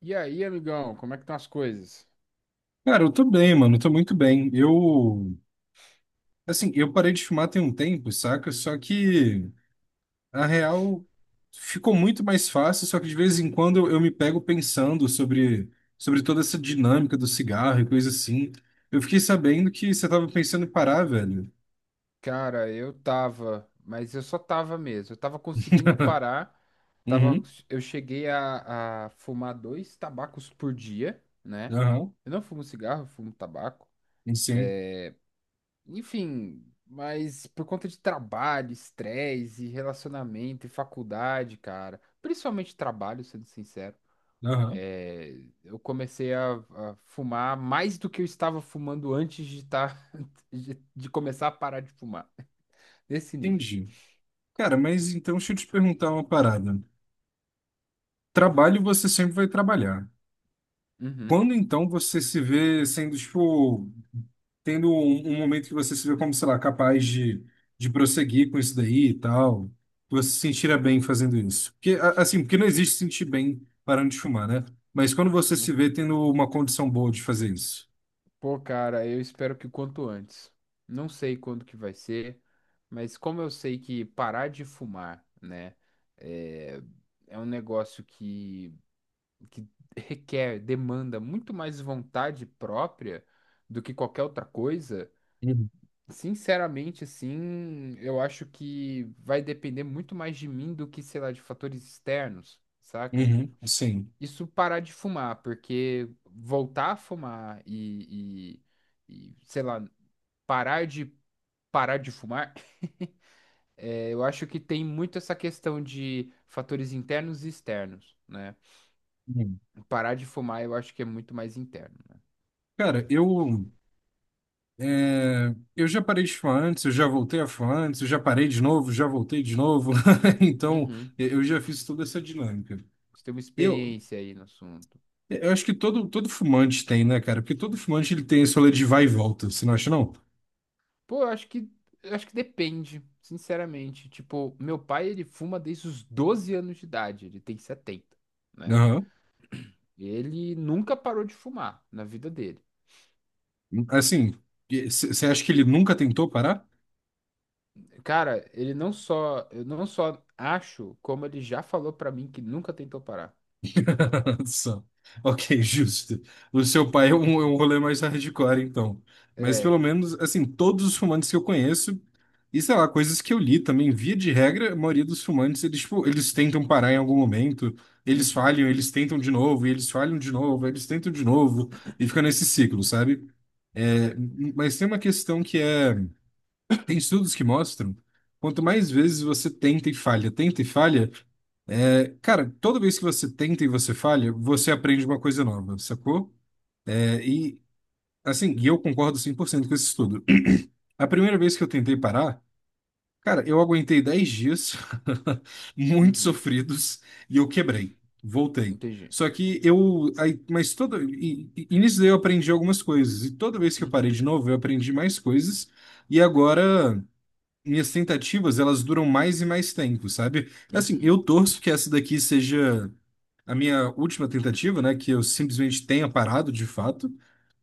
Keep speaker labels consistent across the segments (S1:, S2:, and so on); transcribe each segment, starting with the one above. S1: E aí, amigão, como é que estão as coisas?
S2: Cara, eu tô bem, mano, eu tô muito bem. Assim, eu parei de fumar tem um tempo, saca? Só que, a real, ficou muito mais fácil, só que de vez em quando eu me pego pensando sobre toda essa dinâmica do cigarro e coisa assim. Eu fiquei sabendo que você tava pensando em parar, velho.
S1: Cara, eu tava, mas eu só tava mesmo. Eu tava conseguindo parar. Tava,
S2: Uhum.
S1: eu cheguei a fumar dois tabacos por dia, né?
S2: Aham.
S1: Eu não fumo cigarro, eu fumo tabaco.
S2: Sim.
S1: Enfim, mas por conta de trabalho, estresse, e relacionamento e faculdade, cara. Principalmente trabalho, sendo sincero.
S2: Aham.
S1: É, eu comecei a fumar mais do que eu estava fumando antes de, tá, de começar a parar de fumar. Desse nível.
S2: Entendi. Cara, mas então deixa eu te perguntar uma parada. Trabalho você sempre vai trabalhar.
S1: Uhum,
S2: Quando então você se vê sendo, tipo, tendo um momento que você se vê como, sei lá, capaz de prosseguir com isso daí e tal, que você se sentirá bem fazendo isso. Porque, assim, porque não existe sentir bem parando de fumar, né? Mas quando você se vê
S1: uhum.
S2: tendo uma condição boa de fazer isso.
S1: Pô, cara, eu espero que o quanto antes. Não sei quando que vai ser, mas como eu sei que parar de fumar, né, é, é um negócio que requer, demanda muito mais vontade própria do que qualquer outra coisa.
S2: Uhum.
S1: Sinceramente, assim, eu acho que vai depender muito mais de mim do que, sei lá, de fatores externos, saca?
S2: Uhum, sim.
S1: Isso parar de fumar, porque voltar a fumar e, sei lá, parar de parar de fumar, eu acho que tem muito essa questão de fatores internos e externos, né?
S2: Uhum.
S1: Parar de fumar eu acho que é muito mais interno, né?
S2: Cara, eu já parei de fumar antes, eu já voltei a fumar antes, eu já parei de novo, já voltei de novo. Então,
S1: Uhum.
S2: eu já fiz toda essa dinâmica.
S1: Você tem uma
S2: Eu,
S1: experiência aí no assunto.
S2: Eu acho que todo fumante tem, né, cara? Porque todo fumante ele tem esse rolê de vai e volta, você não acha, não?
S1: Pô, eu acho que depende, sinceramente. Tipo, meu pai, ele fuma desde os 12 anos de idade, ele tem 70, né?
S2: Aham.
S1: Ele nunca parou de fumar na vida dele.
S2: Assim, você acha que ele nunca tentou parar?
S1: Cara, ele não só, eu não só acho, como ele já falou pra mim que nunca tentou parar.
S2: Só. Ok, justo. O seu pai é um rolê mais hardcore, então. Mas
S1: É,
S2: pelo menos, assim, todos os fumantes que eu conheço, e sei lá, coisas que eu li também, via de regra, a maioria dos fumantes, eles, tipo, eles tentam parar em algum momento, eles
S1: uhum,
S2: falham, eles tentam de novo, e eles falham de novo, eles tentam de novo, e fica nesse ciclo, sabe? É, mas tem uma questão que é, tem estudos que mostram, quanto mais vezes você tenta e falha, é, cara, toda vez que você tenta e você falha, você aprende uma coisa nova, sacou? É, e assim, e eu concordo 100% com esse estudo. A primeira vez que eu tentei parar, cara, eu aguentei 10 dias, muito
S1: uhum,
S2: sofridos, e eu quebrei. Voltei.
S1: entendi.
S2: Só que eu. Aí, mas todo. E nisso daí eu aprendi algumas coisas. E toda vez que eu parei de
S1: Uhum,
S2: novo, eu aprendi mais coisas. E agora, minhas tentativas, elas duram mais e mais tempo, sabe? Assim,
S1: uhum,
S2: eu torço que essa daqui seja a minha última tentativa, né? Que eu simplesmente tenha parado de fato.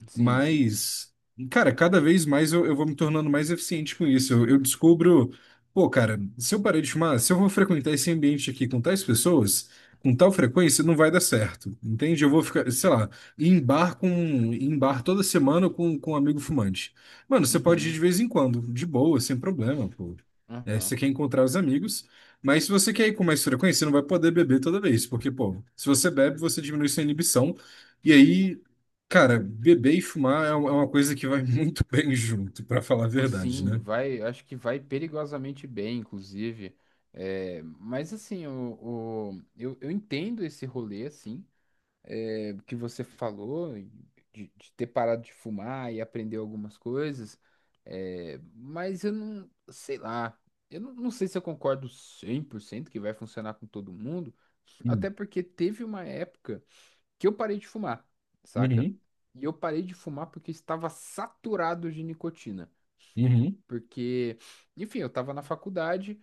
S1: sim, sim,
S2: Mas, cara, cada vez mais eu vou me tornando mais eficiente com isso. Eu descubro, pô, cara, se eu parar de fumar, se eu vou frequentar esse ambiente aqui com tais pessoas, com tal frequência, não vai dar certo, entende? Eu vou ficar, sei lá, em bar com, em bar toda semana com um amigo fumante. Mano, você pode ir
S1: uhum,
S2: de vez em quando, de boa, sem problema, pô. É,
S1: aham.
S2: você quer encontrar os amigos, mas se você quer ir com mais frequência, você não vai poder beber toda vez, porque, pô, se você bebe, você diminui sua inibição. E aí, cara, beber e fumar é uma coisa que vai muito bem junto, pra falar a verdade,
S1: Sim,
S2: né?
S1: vai, acho que vai perigosamente bem, inclusive. É, mas assim, eu entendo esse rolê, assim, é, que você falou, e de ter parado de fumar e aprender algumas coisas, é, mas eu não, sei lá, eu não sei se eu concordo 100% que vai funcionar com todo mundo,
S2: Hum.
S1: até porque teve uma época que eu parei de fumar, saca?
S2: Uhum.
S1: E eu parei de fumar porque estava saturado de nicotina.
S2: Uhum.
S1: Porque, enfim, eu estava na faculdade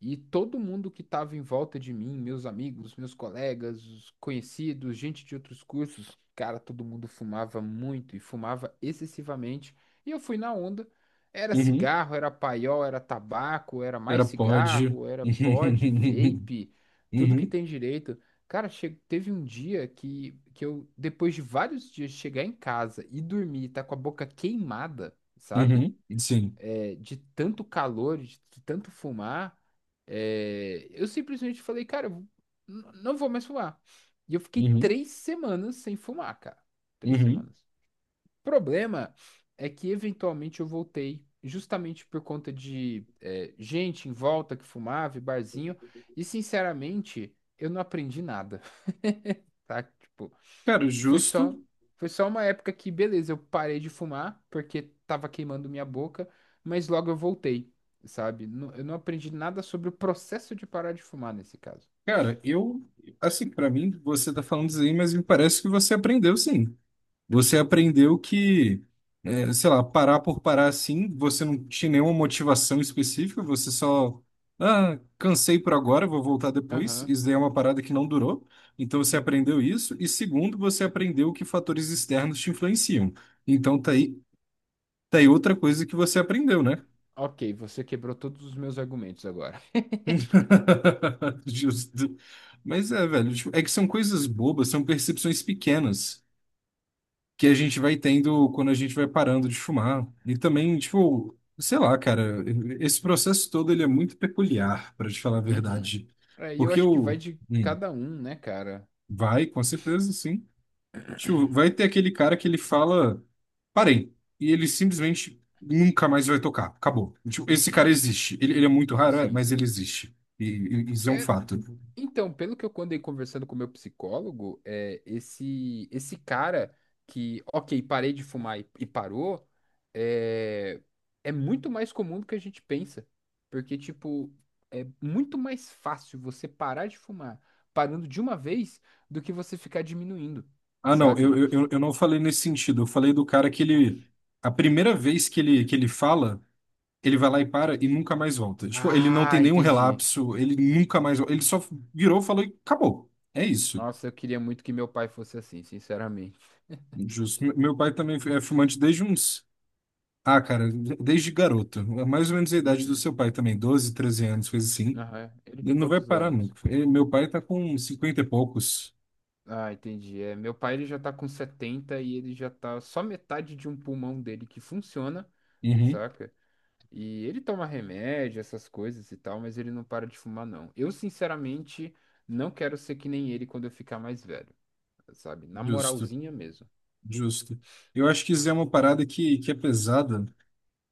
S1: e todo mundo que estava em volta de mim, meus amigos, meus colegas, os conhecidos, gente de outros cursos, cara, todo mundo fumava muito e fumava excessivamente. E eu fui na onda. Era
S2: Uhum.
S1: cigarro, era paiol, era tabaco, era
S2: Era
S1: mais
S2: pode.
S1: cigarro, era pod, vape,
S2: Uhum.
S1: tudo que
S2: Uhum.
S1: tem direito. Cara, teve um dia que eu, depois de vários dias, de chegar em casa e dormir, tá com a boca queimada, sabe?
S2: Uhum. Sim.
S1: É, de tanto calor, de tanto fumar, é, eu simplesmente falei, cara, eu não vou mais fumar. E eu fiquei
S2: Uhum.
S1: 3 semanas sem fumar, cara. 3
S2: Uhum.
S1: semanas. O problema é que eventualmente eu voltei, justamente por conta de é, gente em volta que fumava, e barzinho, e sinceramente, eu não aprendi nada, tá? Tipo,
S2: Cara,
S1: foi
S2: justo.
S1: só, foi só uma época que, beleza, eu parei de fumar porque tava queimando minha boca, mas logo eu voltei, sabe? Eu não aprendi nada sobre o processo de parar de fumar nesse caso.
S2: Cara, eu. Assim, pra mim, você tá falando isso aí, mas me parece que você aprendeu, sim. Você aprendeu que, é, sei lá, parar por parar assim, você não tinha nenhuma motivação específica, você só, ah, cansei por agora, vou voltar depois.
S1: Aham.
S2: Isso daí é uma parada que não durou. Então você
S1: Uhum.
S2: aprendeu isso. E segundo, você aprendeu que fatores externos te influenciam. Então tá aí outra coisa que você aprendeu, né?
S1: Ok, você quebrou todos os meus argumentos agora.
S2: Justo. Mas é, velho, tipo, é que são coisas bobas, são percepções pequenas, que a gente vai tendo quando a gente vai parando de fumar. E também, tipo, sei lá, cara, esse processo todo ele é muito peculiar, para te falar a
S1: Uhum.
S2: verdade.
S1: É, e eu
S2: Porque
S1: acho que
S2: o
S1: vai de
S2: hum,
S1: cada um, né, cara?
S2: vai, com certeza, sim. Tipo, vai ter aquele cara que ele fala, parei, e ele simplesmente nunca mais vai tocar, acabou. Tipo, esse cara
S1: Uhum.
S2: existe. Ele é muito raro, é,
S1: Sim,
S2: mas ele
S1: sim.
S2: existe. E isso é um
S1: É,
S2: fato.
S1: então, pelo que eu andei conversando com o meu psicólogo, é, esse cara que, ok, parei de fumar e parou, é, é muito mais comum do que a gente pensa. Porque, tipo, é muito mais fácil você parar de fumar parando de uma vez do que você ficar diminuindo,
S2: Ah, não,
S1: sabe?
S2: eu não falei nesse sentido. Eu falei do cara que ele. A primeira vez que ele fala. Ele vai lá e para e nunca mais volta. Tipo, ele não tem
S1: Ah,
S2: nenhum
S1: entendi.
S2: relapso, ele nunca mais. Ele só virou, falou e acabou. É isso.
S1: Nossa, eu queria muito que meu pai fosse assim, sinceramente.
S2: Justo. Meu pai também é fumante desde uns. Ah, cara, desde garoto. É mais ou menos a idade do
S1: Uhum.
S2: seu pai também, 12, 13 anos, coisa assim.
S1: Aham. Ele tem
S2: Ele não vai
S1: quantos
S2: parar
S1: anos?
S2: nunca. Meu pai tá com 50 e poucos.
S1: Ah, entendi. É, meu pai ele já tá com 70 e ele já tá só metade de um pulmão dele que funciona,
S2: Uhum.
S1: saca? E ele toma remédio, essas coisas e tal, mas ele não para de fumar, não. Eu, sinceramente, não quero ser que nem ele quando eu ficar mais velho, sabe? Na
S2: Justo,
S1: moralzinha mesmo.
S2: justo. Eu acho que isso é uma parada que é pesada.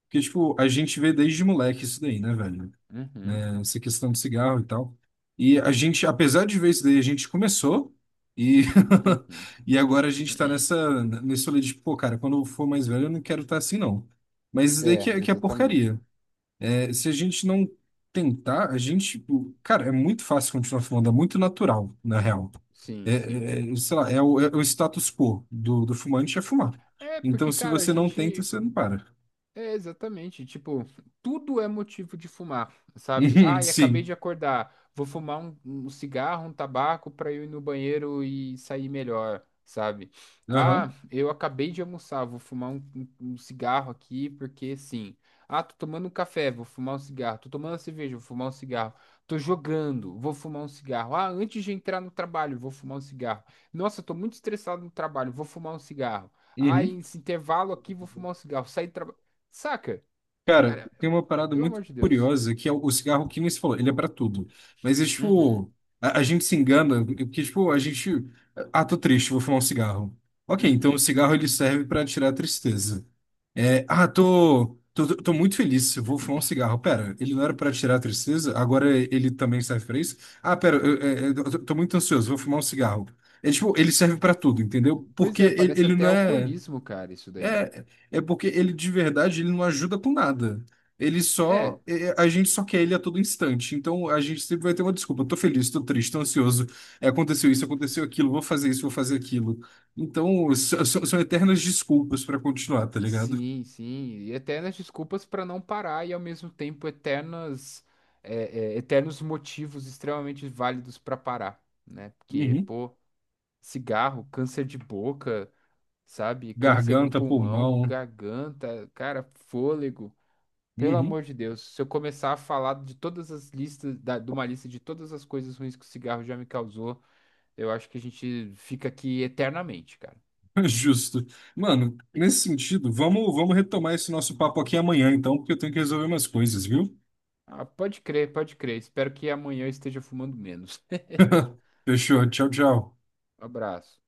S2: Porque, tipo, a gente vê desde moleque isso daí, né, velho?
S1: Uhum,
S2: Essa questão do cigarro e tal. E a gente, apesar de ver isso daí, a gente começou e,
S1: uhum.
S2: e agora a gente tá nessa, nesse olho de, pô, cara, quando eu for mais velho eu não quero estar assim, não. Mas isso daí que
S1: É,
S2: é, que é
S1: exatamente.
S2: porcaria. É, se a gente não tentar, a gente, tipo, cara, é muito fácil continuar fumando, é muito natural, na real. É,
S1: Sim, sim.
S2: sei lá, é o status quo do fumante é fumar.
S1: É,
S2: Então,
S1: porque,
S2: se
S1: cara, a
S2: você não tenta,
S1: gente.
S2: você não para.
S1: É, exatamente. Tipo, tudo é motivo de fumar, sabe? Ah, e acabei
S2: Sim.
S1: de acordar. Vou fumar um cigarro, um tabaco pra eu ir no banheiro e sair melhor, sabe? Ah,
S2: Aham.
S1: eu acabei de almoçar. Vou fumar um cigarro aqui porque sim. Ah, tô tomando um café. Vou fumar um cigarro. Tô tomando uma cerveja. Vou fumar um cigarro. Tô jogando. Vou fumar um cigarro. Ah, antes de entrar no trabalho, vou fumar um cigarro. Nossa, tô muito estressado no trabalho. Vou fumar um cigarro. Ah,
S2: Uhum.
S1: esse intervalo aqui, vou fumar um cigarro. Saí do Saca?
S2: Cara,
S1: Cara,
S2: tem uma parada
S1: pelo amor
S2: muito
S1: de Deus.
S2: curiosa que é o cigarro que nem se falou, ele é pra tudo. Mas é
S1: Uhum,
S2: tipo, a gente se engana, porque tipo, a gente. Ah, tô triste, vou fumar um cigarro. Ok, então o
S1: uhum.
S2: cigarro ele serve pra tirar a tristeza. É, ah, tô muito feliz, eu vou fumar um cigarro. Pera, ele não era pra tirar a tristeza, agora ele também serve pra isso? Ah, pera, eu tô muito ansioso, vou fumar um cigarro. É tipo, ele serve pra tudo, entendeu?
S1: Pois
S2: Porque
S1: é,
S2: ele,
S1: parece
S2: ele
S1: até
S2: não é.
S1: alcoolismo, cara, isso daí.
S2: É, é porque ele de verdade ele não ajuda com nada. Ele só,
S1: É,
S2: a gente só quer ele a todo instante. Então a gente sempre vai ter uma desculpa. Tô feliz, tô triste, tô ansioso. É, aconteceu isso, aconteceu aquilo, vou fazer isso, vou fazer aquilo. Então são eternas desculpas pra continuar, tá ligado?
S1: sim, sim. E eternas desculpas pra não parar e ao mesmo tempo eternas, é, é, eternos motivos extremamente válidos pra parar, né? Porque,
S2: Uhum.
S1: pô, cigarro, câncer de boca, sabe? Câncer no
S2: Garganta,
S1: pulmão,
S2: pulmão.
S1: garganta, cara, fôlego. Pelo
S2: Uhum.
S1: amor de Deus, se eu começar a falar de todas as listas, da- de uma lista de todas as coisas ruins que o cigarro já me causou, eu acho que a gente fica aqui eternamente, cara.
S2: Justo. Mano, nesse sentido, vamos retomar esse nosso papo aqui amanhã, então, porque eu tenho que resolver umas coisas, viu?
S1: Ah, pode crer, pode crer. Espero que amanhã eu esteja fumando menos.
S2: Fechou. Tchau, tchau.
S1: Um abraço.